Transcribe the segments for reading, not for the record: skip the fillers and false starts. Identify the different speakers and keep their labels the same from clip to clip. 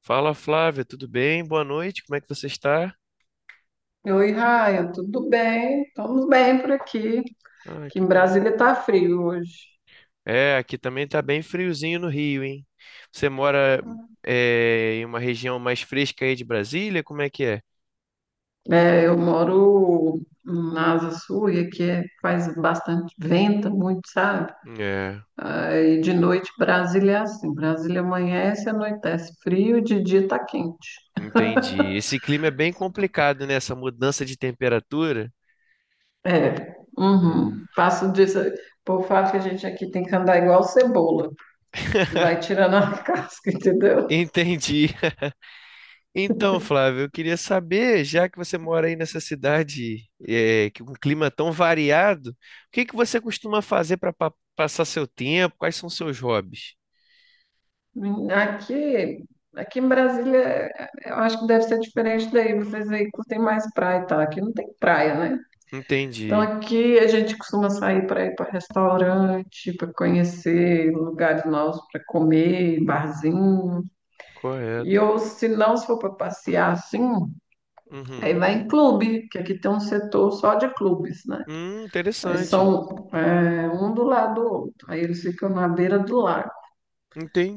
Speaker 1: Fala, Flávia, tudo bem? Boa noite, como é que você está?
Speaker 2: Oi, Raia, tudo bem? Estamos bem por aqui.
Speaker 1: Ah,
Speaker 2: Aqui em
Speaker 1: que bom.
Speaker 2: Brasília está frio hoje.
Speaker 1: É, aqui também tá bem friozinho no Rio, hein? Você mora em uma região mais fresca aí de Brasília? Como é que é?
Speaker 2: É, eu moro na Asa Sul e faz bastante vento, muito, sabe?
Speaker 1: É,
Speaker 2: Aí de noite Brasília é assim, Brasília amanhece, anoitece frio e de dia tá quente.
Speaker 1: entendi. Esse clima é bem complicado, né? Essa mudança de temperatura.
Speaker 2: É, uhum.
Speaker 1: Ah,
Speaker 2: Faço disso, o povo fala que a gente aqui tem que andar igual cebola, vai tirando a casca, entendeu?
Speaker 1: entendi. Então, Flávio, eu queria saber, já que você mora aí nessa cidade que com um clima tão variado, o que que você costuma fazer para passar seu tempo? Quais são seus hobbies?
Speaker 2: Hum, Aqui, aqui em Brasília, eu acho que deve ser diferente daí. Vocês aí curtem mais praia e tal. Aqui não tem praia, né? Então
Speaker 1: Entendi.
Speaker 2: aqui a gente costuma sair para ir para restaurante, para conhecer lugares novos para comer, barzinho. E
Speaker 1: Correto.
Speaker 2: ou se não, se for para passear assim, aí
Speaker 1: Uhum.
Speaker 2: vai em clube, que aqui tem um setor só de clubes, né? Aí
Speaker 1: Interessante.
Speaker 2: são um do lado do outro. Aí eles ficam na beira do lago.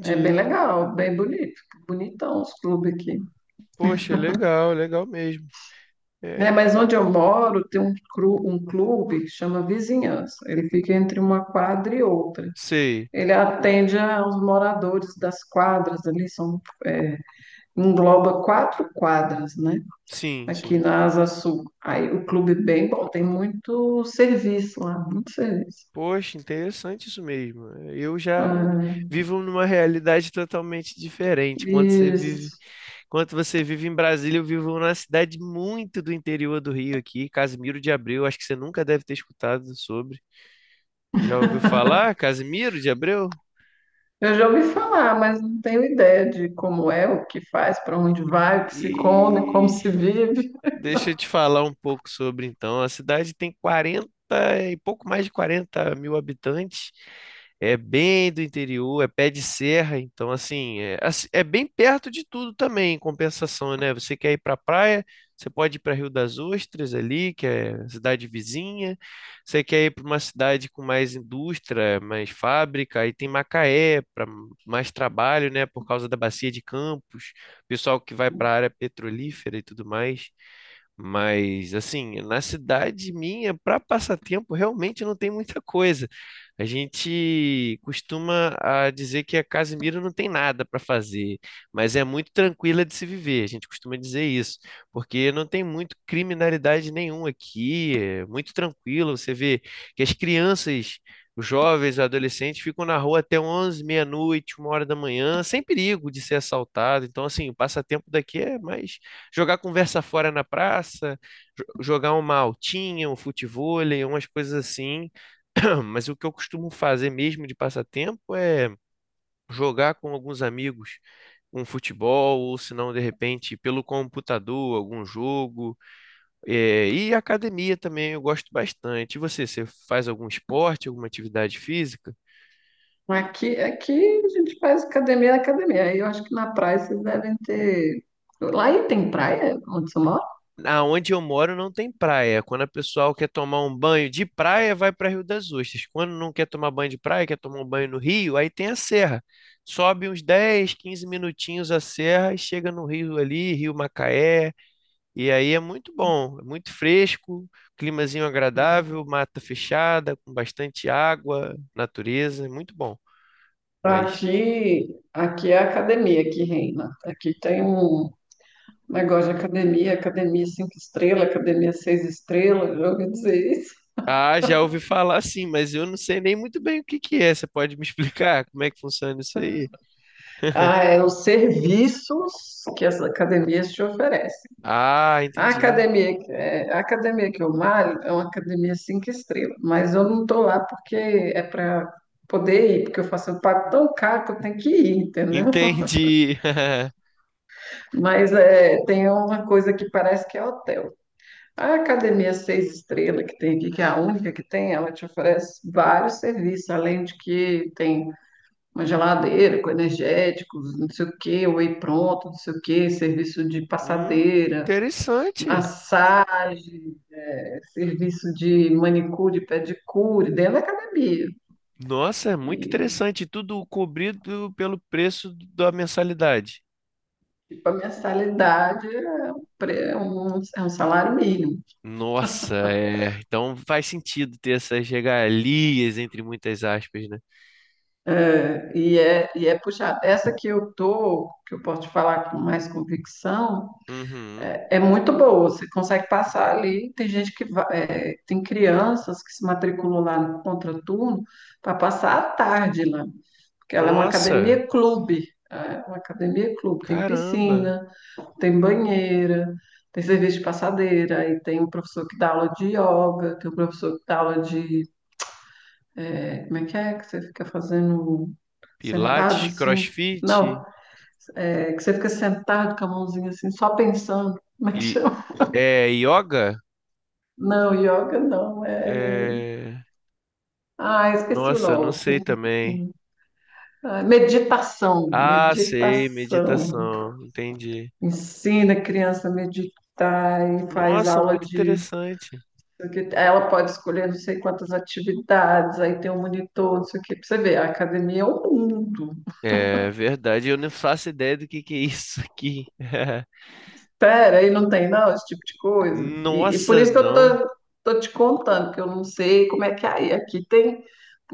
Speaker 2: É bem legal, bem bonito, bonitão os clubes aqui.
Speaker 1: Poxa, legal, legal mesmo.
Speaker 2: É,
Speaker 1: É,
Speaker 2: mas onde eu moro tem um clube chama Vizinhança. Ele fica entre uma quadra e outra.
Speaker 1: sei.
Speaker 2: Ele atende aos moradores das quadras ali, engloba quatro quadras, né?
Speaker 1: Sim,
Speaker 2: Aqui
Speaker 1: sim.
Speaker 2: na Asa Sul. Aí o clube é bem bom, tem muito serviço lá, muito serviço.
Speaker 1: Poxa, interessante isso mesmo. Eu já
Speaker 2: Ah,
Speaker 1: vivo numa realidade totalmente diferente.
Speaker 2: isso.
Speaker 1: Quando você vive em Brasília, eu vivo numa cidade muito do interior do Rio aqui, Casimiro de Abreu. Acho que você nunca deve ter escutado sobre. Já ouviu falar, Casimiro de Abreu?
Speaker 2: Eu já ouvi falar, mas não tenho ideia de como é, o que faz, para onde vai, o que se come, como
Speaker 1: E
Speaker 2: se vive.
Speaker 1: deixa eu te falar um pouco sobre, então. A cidade tem 40 e pouco, mais de 40 mil habitantes. É bem do interior, é pé de serra, então assim, é, é bem perto de tudo também, em compensação, né? Você quer ir para a praia, você pode ir para Rio das Ostras ali, que é cidade vizinha. Você quer ir para uma cidade com mais indústria, mais fábrica, aí tem Macaé para mais trabalho, né, por causa da bacia de Campos, pessoal que vai para a área petrolífera e tudo mais. Mas, assim, na cidade minha, para passatempo, realmente não tem muita coisa. A gente costuma a dizer que a Casimiro não tem nada para fazer, mas é muito tranquila de se viver. A gente costuma dizer isso, porque não tem muito criminalidade nenhuma aqui, é muito tranquilo. Você vê que as crianças, os jovens, os adolescentes ficam na rua até 11, meia-noite, 1 hora da manhã, sem perigo de ser assaltado. Então, assim, o passatempo daqui é mais jogar conversa fora na praça, jogar uma altinha, um futevôlei, umas coisas assim. Mas o que eu costumo fazer mesmo de passatempo é jogar com alguns amigos um futebol, ou se não, de repente, pelo computador, algum jogo. É, e academia também eu gosto bastante. E você, você faz algum esporte, alguma atividade física?
Speaker 2: Aqui a gente faz academia na academia. Aí eu acho que na praia vocês devem ter. Lá aí tem praia onde você mora?
Speaker 1: Aonde eu moro não tem praia. Quando a pessoa quer tomar um banho de praia, vai para Rio das Ostras. Quando não quer tomar banho de praia, quer tomar um banho no rio, aí tem a serra. Sobe uns 10, 15 minutinhos a serra e chega no rio ali, Rio Macaé. E aí é muito bom, é muito fresco, climazinho agradável, mata fechada, com bastante água, natureza, é muito bom. Mas
Speaker 2: Aqui é a academia que reina. Aqui tem um negócio de academia, academia cinco estrelas, academia seis estrelas, já ouvi dizer isso.
Speaker 1: ah, já ouvi falar sim, mas eu não sei nem muito bem o que que é. Você pode me explicar como é que funciona isso aí?
Speaker 2: Ah, é os serviços que as academias te oferecem.
Speaker 1: Ah,
Speaker 2: A
Speaker 1: entendi.
Speaker 2: academia, que- é, a academia que eu malho é uma academia cinco estrelas, mas eu não estou lá porque é para poder ir, porque eu pago tão caro que eu tenho que ir, entendeu?
Speaker 1: Entendi.
Speaker 2: Mas é, tem uma coisa que parece que é hotel. A academia seis estrelas que tem aqui, que é a única que tem, ela te oferece vários serviços, além de que tem uma geladeira com energéticos, não sei o quê, whey pronto, não sei o quê, serviço de passadeira,
Speaker 1: Interessante.
Speaker 2: massagem. É, serviço de manicure, pedicure, dentro da academia.
Speaker 1: Nossa, é muito
Speaker 2: E,
Speaker 1: interessante. Tudo cobrido pelo preço da mensalidade.
Speaker 2: tipo, a mensalidade é um salário mínimo.
Speaker 1: Nossa, é. Então faz sentido ter essas regalias, entre muitas aspas, né?
Speaker 2: É, é puxado. Essa que eu tô, que eu posso te falar com mais convicção,
Speaker 1: Uhum.
Speaker 2: é muito boa. Você consegue passar ali. Tem gente que vai, é, tem crianças que se matriculam lá no contraturno para passar a tarde lá. Porque ela é uma
Speaker 1: Nossa,
Speaker 2: academia clube. É uma academia clube, tem
Speaker 1: caramba.
Speaker 2: piscina, tem banheira, tem serviço de passadeira, aí tem um professor que dá aula de yoga, tem um professor que dá aula Como é? Que você fica fazendo sentado
Speaker 1: Pilates,
Speaker 2: assim?
Speaker 1: CrossFit
Speaker 2: Não, é que você fica sentado com a mãozinha assim, só pensando. Como é que
Speaker 1: e
Speaker 2: chama?
Speaker 1: é yoga?
Speaker 2: Não, yoga não, é.
Speaker 1: É...
Speaker 2: Ah, esqueci o
Speaker 1: Nossa, não
Speaker 2: nome.
Speaker 1: sei também.
Speaker 2: Ah, meditação,
Speaker 1: Ah, sei,
Speaker 2: meditação.
Speaker 1: meditação. Entendi.
Speaker 2: Ensina a criança a meditar e faz
Speaker 1: Nossa,
Speaker 2: aula
Speaker 1: muito
Speaker 2: de.
Speaker 1: interessante.
Speaker 2: Porque ela pode escolher não sei quantas atividades, aí tem um monitor, não sei o quê, pra você ver, a academia é o mundo.
Speaker 1: É verdade, eu não faço ideia do que é isso aqui.
Speaker 2: Pera, aí não tem não esse tipo de coisa. E por
Speaker 1: Nossa,
Speaker 2: isso que eu
Speaker 1: não.
Speaker 2: tô te contando, que eu não sei como é que é aí. Aqui tem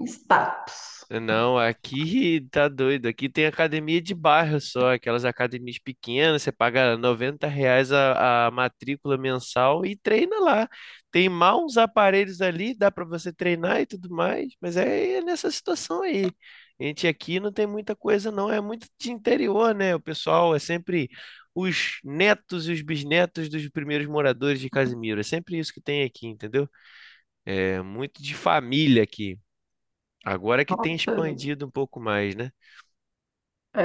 Speaker 2: status.
Speaker 1: Não, aqui tá doido. Aqui tem academia de bairro só, aquelas academias pequenas, você paga R$ 90 a matrícula mensal e treina lá. Tem mal uns aparelhos ali, dá pra você treinar e tudo mais, mas é, é nessa situação aí. A gente aqui não tem muita coisa, não. É muito de interior, né? O pessoal é sempre os netos e os bisnetos dos primeiros moradores de Casimiro. É sempre isso que tem aqui, entendeu? É muito de família aqui. Agora que tem
Speaker 2: Nossa,
Speaker 1: expandido um pouco mais, né?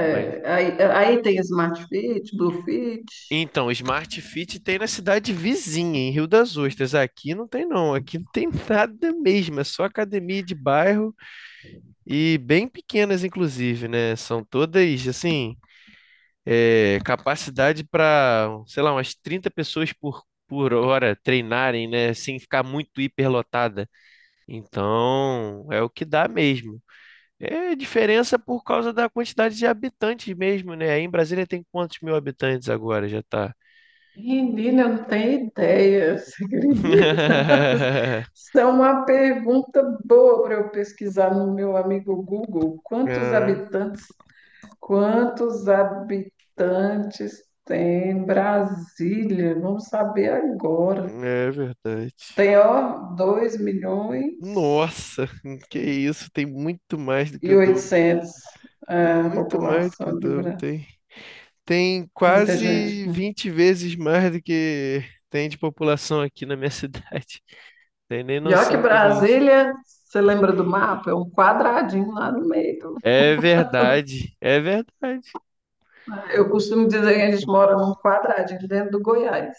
Speaker 1: Mas...
Speaker 2: aí, aí tem Smart Fit, Blue Fit.
Speaker 1: Então, Smart Fit tem na cidade vizinha, em Rio das Ostras. Aqui não tem, não. Aqui não tem nada mesmo. É só academia de bairro e bem pequenas, inclusive, né? São todas, assim, é, capacidade para, sei lá, umas 30 pessoas por hora treinarem, né? Sem ficar muito hiperlotada. Então, é o que dá mesmo. É diferença por causa da quantidade de habitantes mesmo, né? Aí em Brasília tem quantos mil habitantes agora? Já tá.
Speaker 2: Menina, eu não tenho ideia, você acredita? Isso é uma pergunta boa para eu pesquisar no meu amigo Google.
Speaker 1: Ah,
Speaker 2: Quantos habitantes tem Brasília? Vamos saber agora.
Speaker 1: é verdade.
Speaker 2: Tem, ó, dois milhões
Speaker 1: Nossa, que isso, tem muito mais do que
Speaker 2: e
Speaker 1: o dobro.
Speaker 2: oitocentos é, a
Speaker 1: Muito mais do que o
Speaker 2: população de
Speaker 1: dobro,
Speaker 2: Brasília.
Speaker 1: tem. Tem
Speaker 2: Muita gente,
Speaker 1: quase
Speaker 2: né?
Speaker 1: 20 vezes mais do que tem de população aqui na minha cidade. Tem nem
Speaker 2: E olha que
Speaker 1: noção do que é isso.
Speaker 2: Brasília, você lembra do mapa? É um quadradinho lá no meio.
Speaker 1: É verdade, é verdade.
Speaker 2: Eu costumo dizer que a gente mora num quadradinho dentro do Goiás.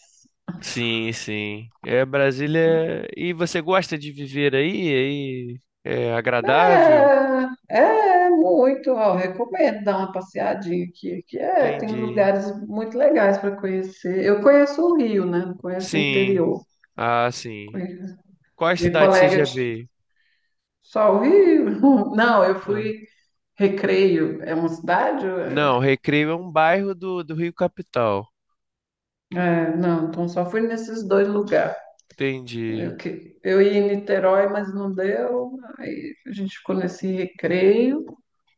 Speaker 1: Sim, sim. É Brasília. E você gosta de viver aí? Aí é agradável?
Speaker 2: É muito, ó, recomendo dar uma passeadinha aqui, que é, tem
Speaker 1: Entendi.
Speaker 2: lugares muito legais para conhecer. Eu conheço o Rio, né? Não conheço o
Speaker 1: Sim.
Speaker 2: interior.
Speaker 1: Ah, sim.
Speaker 2: Conheço-
Speaker 1: Qual é a
Speaker 2: Minha
Speaker 1: cidade você
Speaker 2: colega
Speaker 1: já
Speaker 2: de-
Speaker 1: veio?
Speaker 2: só o Rio. Não, eu
Speaker 1: Ah,
Speaker 2: fui Recreio, é uma cidade?
Speaker 1: não, Recreio é um bairro do Rio Capital.
Speaker 2: Não, então só fui nesses dois lugares.
Speaker 1: Entendi.
Speaker 2: Eu ia em Niterói, mas não deu. Aí a gente ficou nesse Recreio,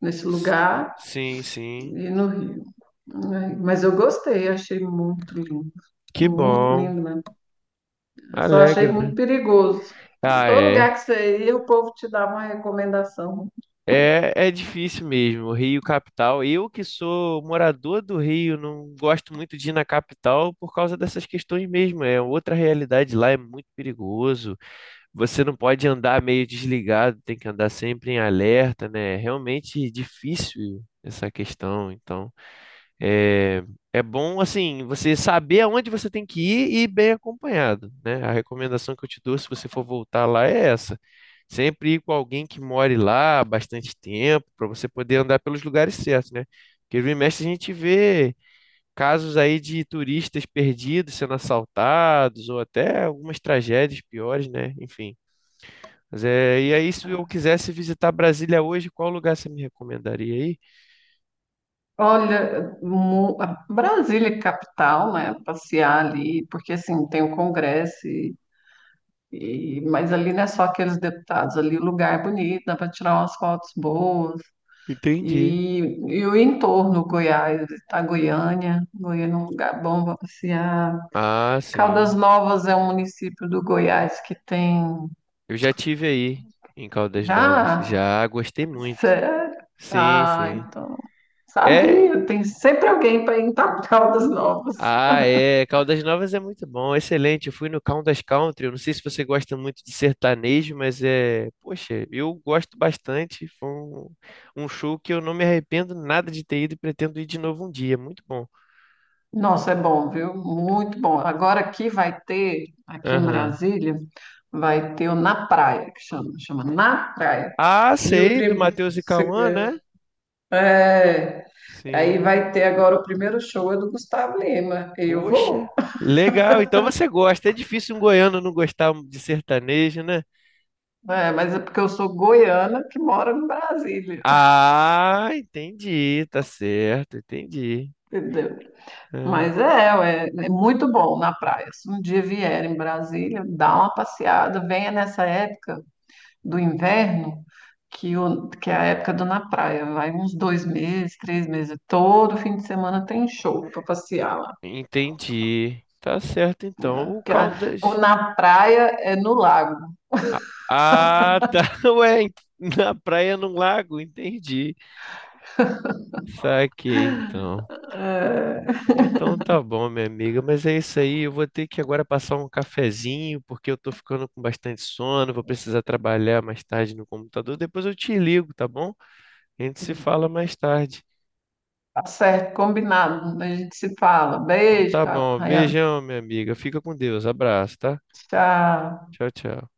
Speaker 2: nesse
Speaker 1: S-
Speaker 2: lugar
Speaker 1: Sim, sim.
Speaker 2: e no Rio. Ai, mas eu gostei, achei muito lindo.
Speaker 1: Que
Speaker 2: Muito
Speaker 1: bom.
Speaker 2: lindo mesmo. Só achei
Speaker 1: Alegra, né?
Speaker 2: muito perigoso.
Speaker 1: Ah,
Speaker 2: Todo
Speaker 1: é.
Speaker 2: lugar que você ia, o povo te dava uma recomendação.
Speaker 1: É, é difícil mesmo, Rio capital. Eu que sou morador do Rio, não gosto muito de ir na capital por causa dessas questões mesmo. É outra realidade lá, é muito perigoso. Você não pode andar meio desligado, tem que andar sempre em alerta, né? É realmente difícil essa questão. Então, é, é bom, assim, você saber aonde você tem que ir e ir bem acompanhado, né? A recomendação que eu te dou, se você for voltar lá, é essa. Sempre ir com alguém que more lá há bastante tempo, para você poder andar pelos lugares certos, né? Porque vira e mexe a gente vê casos aí de turistas perdidos sendo assaltados, ou até algumas tragédias piores, né? Enfim. Mas é, e aí, se eu quisesse visitar Brasília hoje, qual lugar você me recomendaria aí?
Speaker 2: Olha, a Brasília é capital, né? Passear ali, porque assim, tem o Congresso, mas ali não é só aqueles deputados, ali o lugar é bonito, dá para tirar umas fotos boas.
Speaker 1: Entendi.
Speaker 2: E, e o entorno, Goiás, tá Goiânia, Goiânia é um lugar bom para passear.
Speaker 1: Ah,
Speaker 2: Caldas
Speaker 1: sim.
Speaker 2: Novas é um município do Goiás que tem.
Speaker 1: Eu já tive aí em Caldas Novas.
Speaker 2: Já?
Speaker 1: Já gostei muito.
Speaker 2: Sério?
Speaker 1: Sim,
Speaker 2: Ah,
Speaker 1: sim.
Speaker 2: então.
Speaker 1: É,
Speaker 2: Sabia, tem sempre alguém para ir para Caldas Novas.
Speaker 1: ah, é, Caldas Novas é muito bom, excelente. Eu fui no Caldas Country, eu não sei se você gosta muito de sertanejo, mas é, poxa, eu gosto bastante. Foi um show que eu não me arrependo nada de ter ido e pretendo ir de novo um dia. Muito bom.
Speaker 2: Nossa, é bom, viu? Muito bom. Agora aqui vai ter, aqui em
Speaker 1: Aham.
Speaker 2: Brasília, vai ter o Na Praia, que chama Na Praia.
Speaker 1: Ah,
Speaker 2: E o
Speaker 1: sei, do
Speaker 2: primeiro.
Speaker 1: Matheus e Cauã, né?
Speaker 2: É, aí
Speaker 1: Sim.
Speaker 2: vai ter agora o primeiro show é do Gustavo Lima. Eu
Speaker 1: Poxa,
Speaker 2: vou.
Speaker 1: legal. Então você gosta. É difícil um goiano não gostar de sertanejo, né?
Speaker 2: É, mas é porque eu sou goiana que mora em Brasília,
Speaker 1: Ah, entendi, tá certo, entendi.
Speaker 2: entendeu?
Speaker 1: Ah,
Speaker 2: Mas é, ué, é, muito bom na praia. Se um dia vier em Brasília, dá uma passeada, venha nessa época do inverno, que é a época do na praia. Vai uns 2 meses, 3 meses, todo fim de semana tem show para passear lá.
Speaker 1: entendi. Tá certo, então. O
Speaker 2: É, o
Speaker 1: Caldas.
Speaker 2: na praia é no lago.
Speaker 1: Ah, ah, tá. Ué, na praia, num lago, entendi. Saquei, então.
Speaker 2: É,
Speaker 1: Então tá bom, minha amiga, mas é isso aí. Eu vou ter que agora passar um cafezinho, porque eu tô ficando com bastante sono. Vou precisar trabalhar mais tarde no computador. Depois eu te ligo, tá bom? A gente se fala mais tarde.
Speaker 2: tá certo, combinado. A gente se fala.
Speaker 1: Então
Speaker 2: Beijo,
Speaker 1: tá bom.
Speaker 2: Rayane.
Speaker 1: Beijão, minha amiga. Fica com Deus. Abraço, tá?
Speaker 2: Tchau.
Speaker 1: Tchau, tchau.